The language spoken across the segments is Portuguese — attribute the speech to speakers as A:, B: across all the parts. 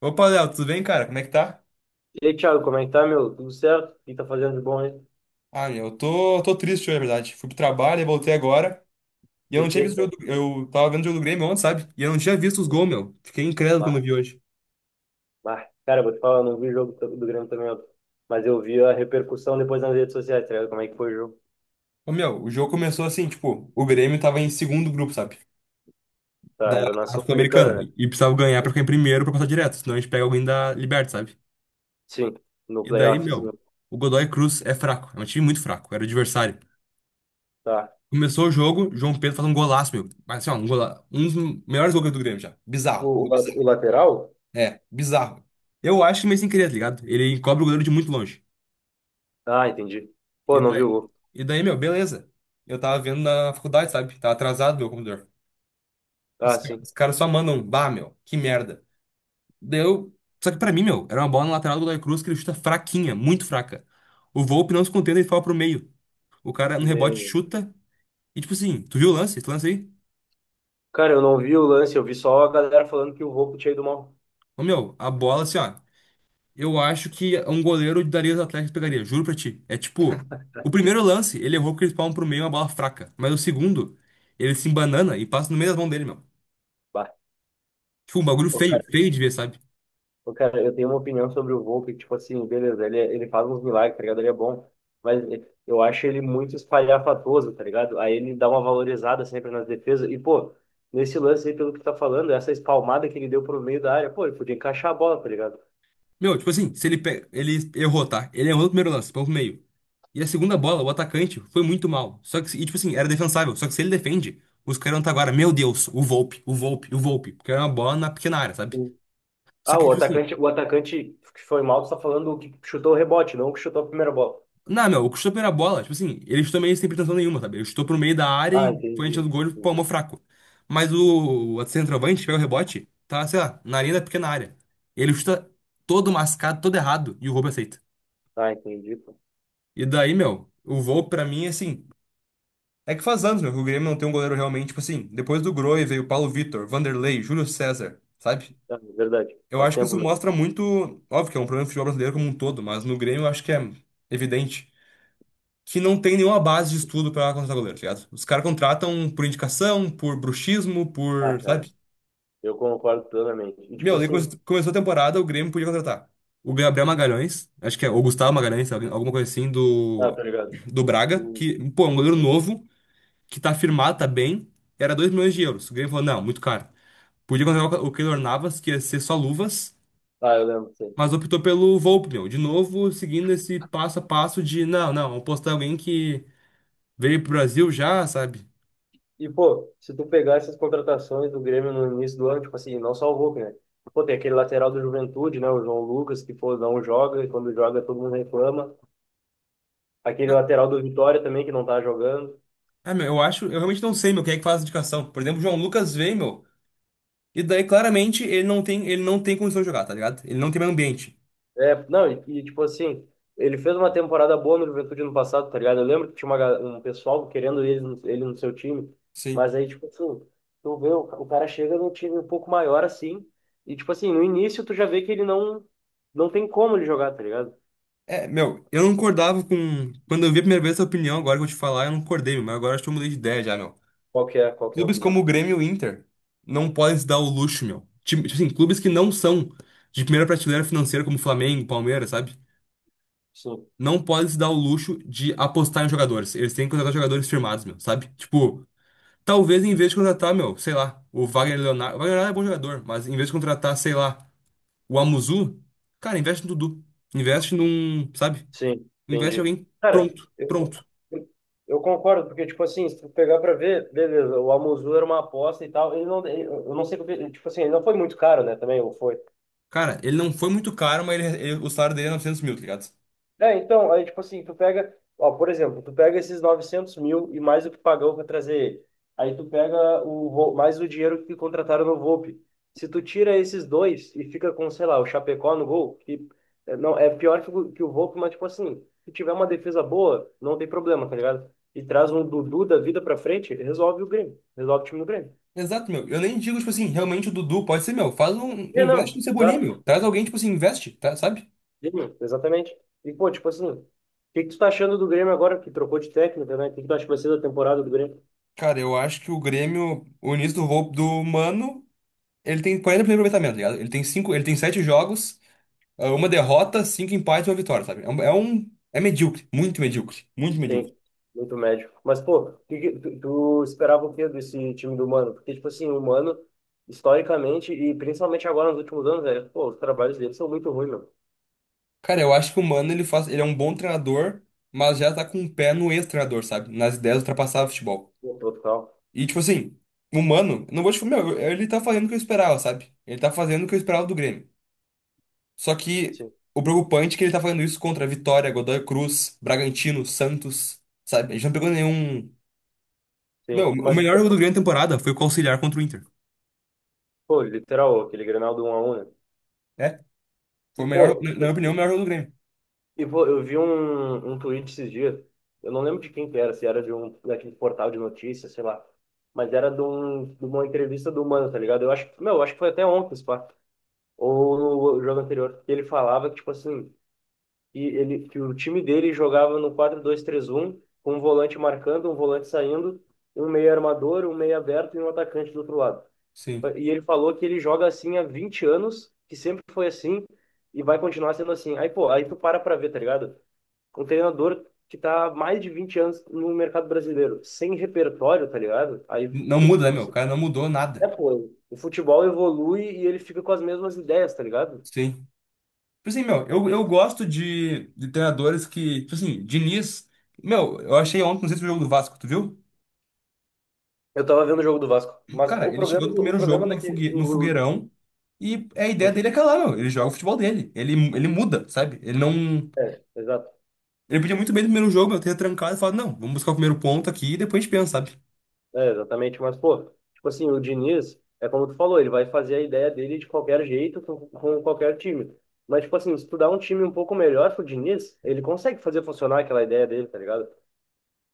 A: Opa, Léo, tudo bem, cara? Como é que tá?
B: E aí, Thiago, como é que tá, meu? Tudo certo? O que tá fazendo de bom, hein?
A: Ah, meu, eu tô triste, na verdade. Fui pro trabalho e voltei agora. E eu não
B: Por
A: tinha
B: quê,
A: visto o
B: cara?
A: jogo do. Eu tava vendo o jogo do Grêmio ontem, sabe? E eu não tinha visto os gols, meu. Fiquei incrédulo quando
B: Bah,
A: vi hoje.
B: bah. Cara, vou te falar, eu não vi o jogo do Grêmio também, ó. Mas eu vi a repercussão depois nas redes sociais, tá ligado? Como é que foi o jogo?
A: Ô, meu, o jogo começou assim, tipo, o Grêmio tava em segundo grupo, sabe? Da
B: Tá, era na
A: Sul-Americana.
B: Sul-Americana, né?
A: E precisava ganhar pra ficar em primeiro pra passar direto. Senão a gente pega alguém da Liberta, sabe?
B: Sim, no
A: E daí,
B: playoffzinho.
A: meu, o Godoy Cruz é fraco. É um time muito fraco. Era o adversário.
B: Tá.
A: Começou o jogo, João Pedro faz um golaço, meu. Mas assim, ó, um dos melhores gols do Grêmio já.
B: O,
A: Bizarro.
B: o la- o lateral?
A: É, bizarro. Eu acho que mas sem querer, tá ligado? Ele encobre o goleiro de muito longe.
B: Ah, entendi.
A: E
B: Pô, não vi o
A: daí,
B: gol.
A: e daí, meu, beleza. Eu tava vendo na faculdade, sabe? Tá atrasado meu computador. Os,
B: Ah, sim.
A: os caras só mandam, bah, meu, que merda. Deu. Só que pra mim, meu, era uma bola na lateral do Godoy Cruz que ele chuta fraquinha, muito fraca. O Volpi não se contenta, ele fala pro meio. O cara no rebote
B: E,
A: chuta. E tipo assim, tu viu o lance? Esse lance aí?
B: cara, eu não vi o lance, eu vi só a galera falando que o Volpi tinha ido mal.
A: Ô, meu, a bola assim, ó. Eu acho que um goleiro daria os Atléticos pegaria, juro pra ti. É tipo, o primeiro lance, ele errou porque eles palmam pro meio uma bola fraca. Mas o segundo, ele se embanana e passa no meio das mãos dele, meu.
B: Bah.
A: Tipo, um bagulho feio, feio de ver, sabe?
B: Pô, cara, eu tenho uma opinião sobre o Volpe, que, tipo assim, beleza, ele faz uns milagres, tá ligado? Ele é bom, mas eu acho ele muito espalhafatoso, tá ligado? Aí ele dá uma valorizada sempre nas defesas. E, pô, nesse lance aí, pelo que tu tá falando, essa espalmada que ele deu pro meio da área, pô, ele podia encaixar a bola, tá ligado?
A: Meu, tipo assim, se ele pega, ele errou, tá? Ele errou no primeiro lance, põe pro meio. E a segunda bola, o atacante, foi muito mal. Só que, e tipo assim, era defensável. Só que se ele defende, os caras não tá agora, meu Deus, o Volpe, o Volpe, o Volpe. Porque era uma bola na pequena área, sabe?
B: O-
A: Só
B: Ah,
A: que,
B: o
A: tipo assim,
B: atacante, o atacante que foi mal, tu tá falando o que chutou o rebote, não o que chutou a primeira bola.
A: não, meu, o que chutou a primeira bola, tipo assim, ele chutou meio sem pretensão nenhuma, sabe? Ele chutou pro meio da área
B: Ah,
A: e foi enchendo o
B: entendi.
A: gol e palmou
B: Entendi.
A: fraco. Mas o outro centroavante, pega o rebote, tá, sei lá, na linha da pequena área. Ele chuta todo mascado, todo errado, e o Volpe aceita.
B: Ah, entendi, pô.
A: E daí, meu, o Volpe pra mim, assim, é que faz anos, meu, que o Grêmio não tem um goleiro realmente, tipo assim, depois do Grohe veio o Paulo Vitor, Vanderlei, Júlio César, sabe?
B: Ah, é verdade.
A: Eu
B: Faz
A: acho que
B: tempo
A: isso
B: mesmo.
A: mostra muito, óbvio que é um problema do futebol brasileiro como um todo, mas no Grêmio eu acho que é evidente. Que não tem nenhuma base de estudo pra contratar goleiro, tá ligado? Os caras contratam por indicação, por bruxismo,
B: Ah,
A: por,
B: cara,
A: sabe?
B: eu concordo plenamente. E, tipo
A: Meu, daí
B: assim,
A: começou a temporada, o Grêmio podia contratar. O Gabriel Magalhães, acho que é, ou Gustavo Magalhães, sabe? Alguma coisa assim, do,
B: tá ligado?
A: do Braga, que, pô, é um goleiro novo, que tá firmado, tá bem, era 2 milhões de euros. O Grêmio falou, não, muito caro. Podia contratar o Keylor Navas, que ia ser só luvas,
B: Ah, eu lembro, sim.
A: mas optou pelo Volpe, meu. De novo, seguindo esse passo a passo de, não, não, apostar em alguém que veio pro Brasil já, sabe?
B: E, pô, se tu pegar essas contratações do Grêmio no início do ano, tipo assim, não salvou, né? Pô, tem aquele lateral do Juventude, né? O João Lucas, que, pô, não joga, e quando joga todo mundo reclama. Aquele lateral do Vitória também, que não tá jogando.
A: Ah, meu, eu acho, eu realmente não sei, meu, quem é que faz a indicação. Por exemplo, o João Lucas veio, meu, e daí claramente ele não tem condição de jogar, tá ligado? Ele não tem mais ambiente.
B: É, não, e, tipo assim, ele fez uma temporada boa no Juventude no passado, tá ligado? Eu lembro que tinha um pessoal querendo ele, ele no seu time, mas
A: Sim.
B: aí, tipo assim, tu vê, o cara chega num time um pouco maior, assim, e, tipo assim, no início tu já vê que ele não, não tem como ele jogar, tá ligado?
A: É, meu, eu não concordava com. Quando eu vi a primeira vez essa opinião, agora que eu vou te falar, eu não concordei, meu, mas agora acho que eu mudei de ideia já, meu.
B: Qual que é a
A: Clubes
B: opinião?
A: como o Grêmio e o Inter não podem se dar o luxo, meu. Tipo assim, clubes que não são de primeira prateleira financeira, como Flamengo, Palmeiras, sabe?
B: Sim,
A: Não podem se dar o luxo de apostar em jogadores. Eles têm que contratar jogadores firmados, meu, sabe? Tipo. Talvez em vez de contratar, meu, sei lá, o Wagner Leonardo. O Wagner Leonardo é bom jogador, mas em vez de contratar, sei lá, o Amuzu, cara, investe no Dudu. Investe num, sabe?
B: sim,
A: Investe em
B: entendi.
A: alguém
B: Cara,
A: pronto,
B: eu,
A: pronto.
B: eu concordo, porque, tipo assim, se tu pegar pra ver, beleza, o Amuzu era uma aposta e tal, ele não, ele- eu não sei, porque, tipo assim, ele não foi muito caro, né, também, ou foi?
A: Cara, ele não foi muito caro, mas o salário dele é 900 mil, tá ligado?
B: É, então, aí, tipo assim, tu pega, ó, por exemplo, tu pega esses 900 mil e mais o que pagou para trazer ele. Aí tu pega mais o dinheiro que contrataram no Volpe. Se tu tira esses dois e fica com, sei lá, o Chapecó no gol, que é, não, é pior que que o Volpe, mas, tipo assim, se tiver uma defesa boa, não tem problema, tá ligado? E traz um Dudu da vida pra frente, resolve o Grêmio, resolve o time do Grêmio.
A: Exato, meu. Eu nem digo, tipo assim, realmente o Dudu pode ser, meu. Faz um.
B: É
A: Investe
B: não,
A: no Cebolinha,
B: exato,
A: meu. Traz alguém, tipo assim, investe, tá, sabe?
B: sim, exatamente. E, pô, tipo assim, o que que tu tá achando do Grêmio agora, que trocou de técnico, né? O que que tu acha que vai ser da temporada do Grêmio?
A: Cara, eu acho que o Grêmio, o início do, roubo do Mano, ele tem 40% de aproveitamento, tá ligado? Ele tem cinco, ele tem sete jogos. Uma derrota, cinco empates e uma vitória, sabe? É medíocre, muito medíocre, muito medíocre.
B: Sim, muito médio. Mas, pô, tu esperava o quê desse time do Mano? Porque, tipo assim, o Mano, historicamente, e principalmente agora nos últimos anos, velho, pô, os trabalhos dele são muito ruins, meu.
A: Cara, eu acho que o Mano, ele faz, ele é um bom treinador, mas já tá com o pé no ex-treinador, sabe? Nas ideias de ultrapassar o futebol.
B: Pô, total.
A: E, tipo assim, o Mano, não vou te falar, meu, ele tá fazendo o que eu esperava, sabe? Ele tá fazendo o que eu esperava do Grêmio. Só que
B: Sim,
A: o preocupante é que ele tá fazendo isso contra Vitória, Godoy Cruz, Bragantino, Santos, sabe? A gente não pegou nenhum... Meu,
B: sim.
A: o
B: Mas,
A: melhor jogo do Grêmio na temporada foi o auxiliar contra o Inter.
B: pô, literal, aquele Grenal do 1-1, né?
A: É, foi
B: E,
A: o melhor,
B: pô,
A: na
B: tipo
A: minha opinião, o
B: assim,
A: melhor jogo do Grêmio.
B: e, pô, eu vi um tweet esses dias, eu não lembro de quem que era, se era de um daquele portal de notícias, sei lá. Mas era de uma entrevista do Mano, tá ligado? Eu acho, meu, eu acho que foi até ontem, pá. Ou no jogo anterior, que ele falava que, tipo assim, que o time dele jogava no 4 dois três um com um volante marcando, um volante saindo, um meio armador, um meio aberto e um atacante do outro lado.
A: Sim.
B: E ele falou que ele joga assim há 20 anos, que sempre foi assim, e vai continuar sendo assim. Aí, pô, aí tu para pra ver, tá ligado? Um treinador que tá há mais de 20 anos no mercado brasileiro, sem repertório, tá ligado? Aí
A: Não
B: fica
A: muda, né,
B: tipo
A: meu? O
B: assim,
A: cara não mudou
B: é,
A: nada.
B: pô, o futebol evolui e ele fica com as mesmas ideias, tá ligado?
A: Sim. Tipo assim, meu, eu gosto de treinadores que. Tipo assim, Diniz. Meu, eu achei ontem, não sei se foi o jogo do Vasco, tu viu?
B: Eu tava vendo o jogo do Vasco, mas
A: Cara,
B: o
A: ele chegou
B: problema,
A: no
B: o
A: primeiro jogo
B: problema daqui,
A: no fogueirão e a ideia
B: o-
A: dele é aquela, meu. Ele joga o futebol dele. Ele muda, sabe? Ele não.
B: é, exato,
A: Ele podia muito bem no primeiro jogo, eu ter trancado e falado, não, vamos buscar o primeiro ponto aqui e depois a gente pensa, sabe?
B: é, exatamente, mas pô, tipo assim, o Diniz, é como tu falou, ele vai fazer a ideia dele de qualquer jeito, com qualquer time, mas tipo assim, se tu dá um time um pouco melhor pro Diniz, ele consegue fazer funcionar aquela ideia dele, tá ligado?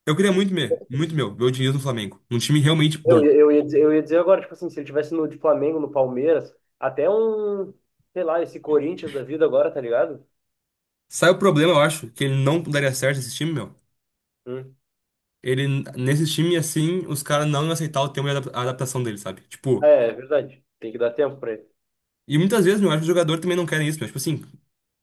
A: Eu queria muito, meu, ver o Diniz no Flamengo. Um time realmente
B: Eu,
A: bom.
B: eu, ia dizer, eu ia dizer agora, tipo assim, se ele tivesse no de Flamengo, no Palmeiras, até um, sei lá, esse Corinthians da vida agora, tá ligado?
A: Sabe o problema, eu acho, que ele não daria certo esse time, meu?
B: Hum.
A: Ele, nesse time assim, os caras não iam aceitar o tempo de a adaptação dele, sabe? Tipo,
B: É, é verdade, tem que dar tempo pra ele.
A: e muitas vezes, meu, acho que os jogadores também não querem isso, meu. Tipo assim,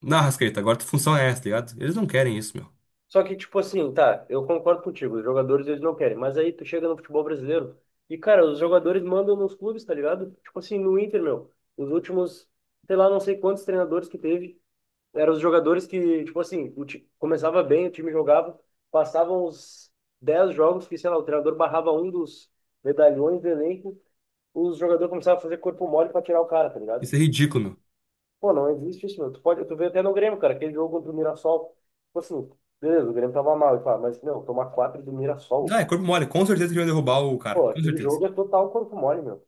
A: na Rascaeta, agora tua função é essa, tá ligado? Eles não querem isso, meu.
B: Só que, tipo assim, tá, eu concordo contigo, os jogadores eles não querem, mas aí tu chega no futebol brasileiro e, cara, os jogadores mandam nos clubes, tá ligado? Tipo assim, no Inter, meu, os últimos, sei lá, não sei quantos treinadores que teve, eram os jogadores que, tipo assim, começava bem, o time jogava, passavam os 10 jogos que, sei lá, o treinador barrava um dos medalhões do elenco, os jogadores começavam a fazer corpo mole pra tirar o cara, tá ligado?
A: Isso é ridículo, meu.
B: Pô, não existe isso, meu. Tu vê até no Grêmio, cara, aquele jogo contra o Mirassol. Tipo assim, beleza, o Grêmio tava mal, e pá, mas, meu, tomar quatro do
A: Não,
B: Mirassol.
A: é corpo mole, com certeza que iam derrubar o cara,
B: Pô,
A: com
B: aquele
A: certeza.
B: jogo é total corpo mole, meu.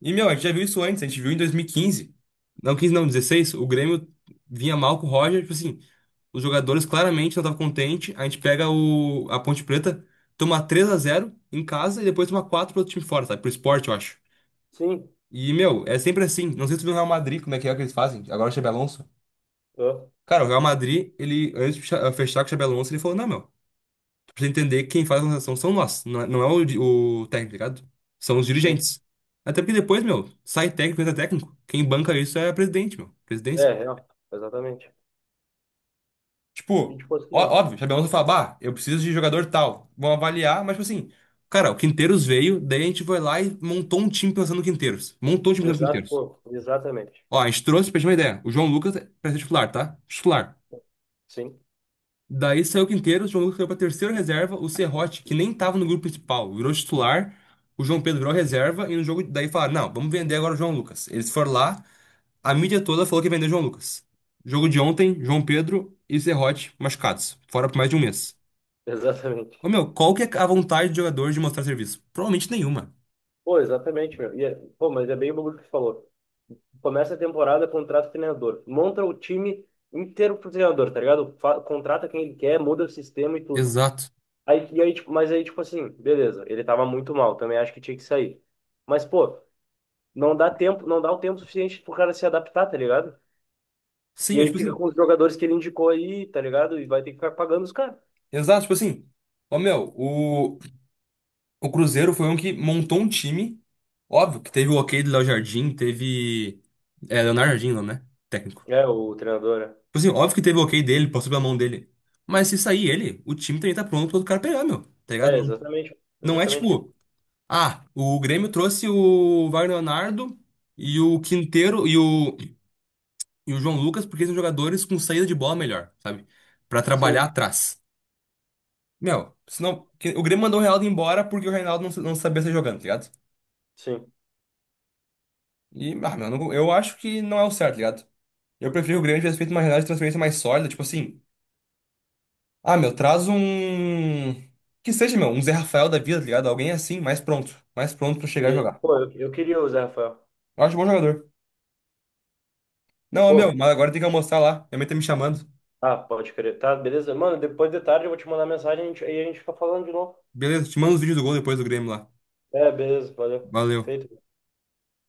A: E, meu, a gente já viu isso antes, a gente viu em 2015. Não, 15 não, 16, o Grêmio vinha mal com o Roger, tipo assim, os jogadores claramente não estavam contentes, a gente pega a Ponte Preta, toma 3 a 0 em casa e depois toma 4 pro outro time fora, sabe? Pro Sport, eu acho.
B: Sim,
A: E, meu, é sempre assim. Não sei se tu viu o Real Madrid, como é que eles fazem. Agora o Xabi Alonso.
B: é,
A: Cara, o Real Madrid, ele, antes de fechar com o Xabi Alonso, ele falou: não, meu, tu precisa entender que quem faz a transação são nós. Não é o técnico, tá ligado? São os
B: sim.
A: dirigentes. Até porque depois, meu, sai técnico, entra técnico. Quem banca isso é presidente, meu.
B: É,
A: Presidência.
B: real, exatamente. E
A: Tipo,
B: tipo assim,
A: óbvio, o Xabi Alonso fala: bah, eu preciso de jogador tal. Vão avaliar, mas, tipo assim, cara, o Quinteiros veio, daí a gente foi lá e montou um time pensando no Quinteiros. Montou um time pensando no
B: exato,
A: Quinteiros.
B: pô, exatamente.
A: Ó, a gente trouxe, pra gente ter uma ideia, o João Lucas é pra ser titular, tá? Titular.
B: Sim,
A: Daí saiu o Quinteiro, o João Lucas saiu pra terceira reserva, o Serrote, que nem tava no grupo principal, virou titular, o João Pedro virou reserva, e no jogo daí falaram, não, vamos vender agora o João Lucas. Eles foram lá, a mídia toda falou que vendeu o João Lucas. Jogo de ontem, João Pedro e Serrote machucados, fora por mais de um mês.
B: exatamente.
A: Ô meu, qual que é a vontade do jogador de mostrar serviço? Provavelmente nenhuma.
B: Pô, exatamente, meu. Pô, mas é bem o bagulho que tu falou. Começa a temporada, contrata o treinador. Monta o time inteiro pro treinador, tá ligado? Contrata quem ele quer, muda o sistema e tudo.
A: Exato.
B: E aí, tipo, mas aí, tipo assim, beleza, ele tava muito mal, também acho que tinha que sair. Mas, pô, não dá tempo, não dá o tempo suficiente pro cara se adaptar, tá ligado?
A: Sim,
B: E
A: eu,
B: aí
A: tipo
B: fica
A: assim,
B: com os jogadores que ele indicou aí, tá ligado? E vai ter que ficar pagando os caras.
A: exato, tipo assim, ô meu, o Cruzeiro foi um que montou um time. Óbvio que teve o ok do Léo Jardim, teve. É, Leonardo Jardim, não, né? Técnico.
B: É, o treinador, né?
A: Tipo assim, óbvio que teve o ok dele, passou pela mão dele. Mas se sair ele, o time também tá pronto pro outro cara pegar, meu. Tá ligado?
B: É,
A: Não,
B: exatamente,
A: não é
B: exatamente.
A: tipo, ah, o Grêmio trouxe o Wagner Leonardo e o Quinteiro e o João Lucas porque são jogadores com saída de bola melhor, sabe? Pra trabalhar
B: Sim,
A: atrás. Meu, senão. O Grêmio mandou o Reinaldo embora porque o Reinaldo não, não sabia sair jogando, tá ligado?
B: sim,
A: E, meu, eu acho que não é o certo, tá ligado? Eu prefiro o Grêmio tivesse feito uma janela de transferência mais sólida, tipo assim. Ah, meu, traz um. Que seja, meu, um Zé Rafael da vida, tá ligado? Alguém assim, mais pronto. Mais pronto pra chegar e
B: sim.
A: jogar.
B: Pô, eu queria o Zé Rafael.
A: Eu acho bom jogador. Não, meu,
B: Pô,
A: mas agora tem que almoçar lá. Minha mãe tá me chamando.
B: ah, pode crer. Tá, beleza? Mano, depois de tarde eu vou te mandar mensagem e a gente fica falando de novo.
A: Beleza, te mando os vídeos do gol depois do Grêmio lá.
B: É, beleza, valeu.
A: Valeu.
B: Feito.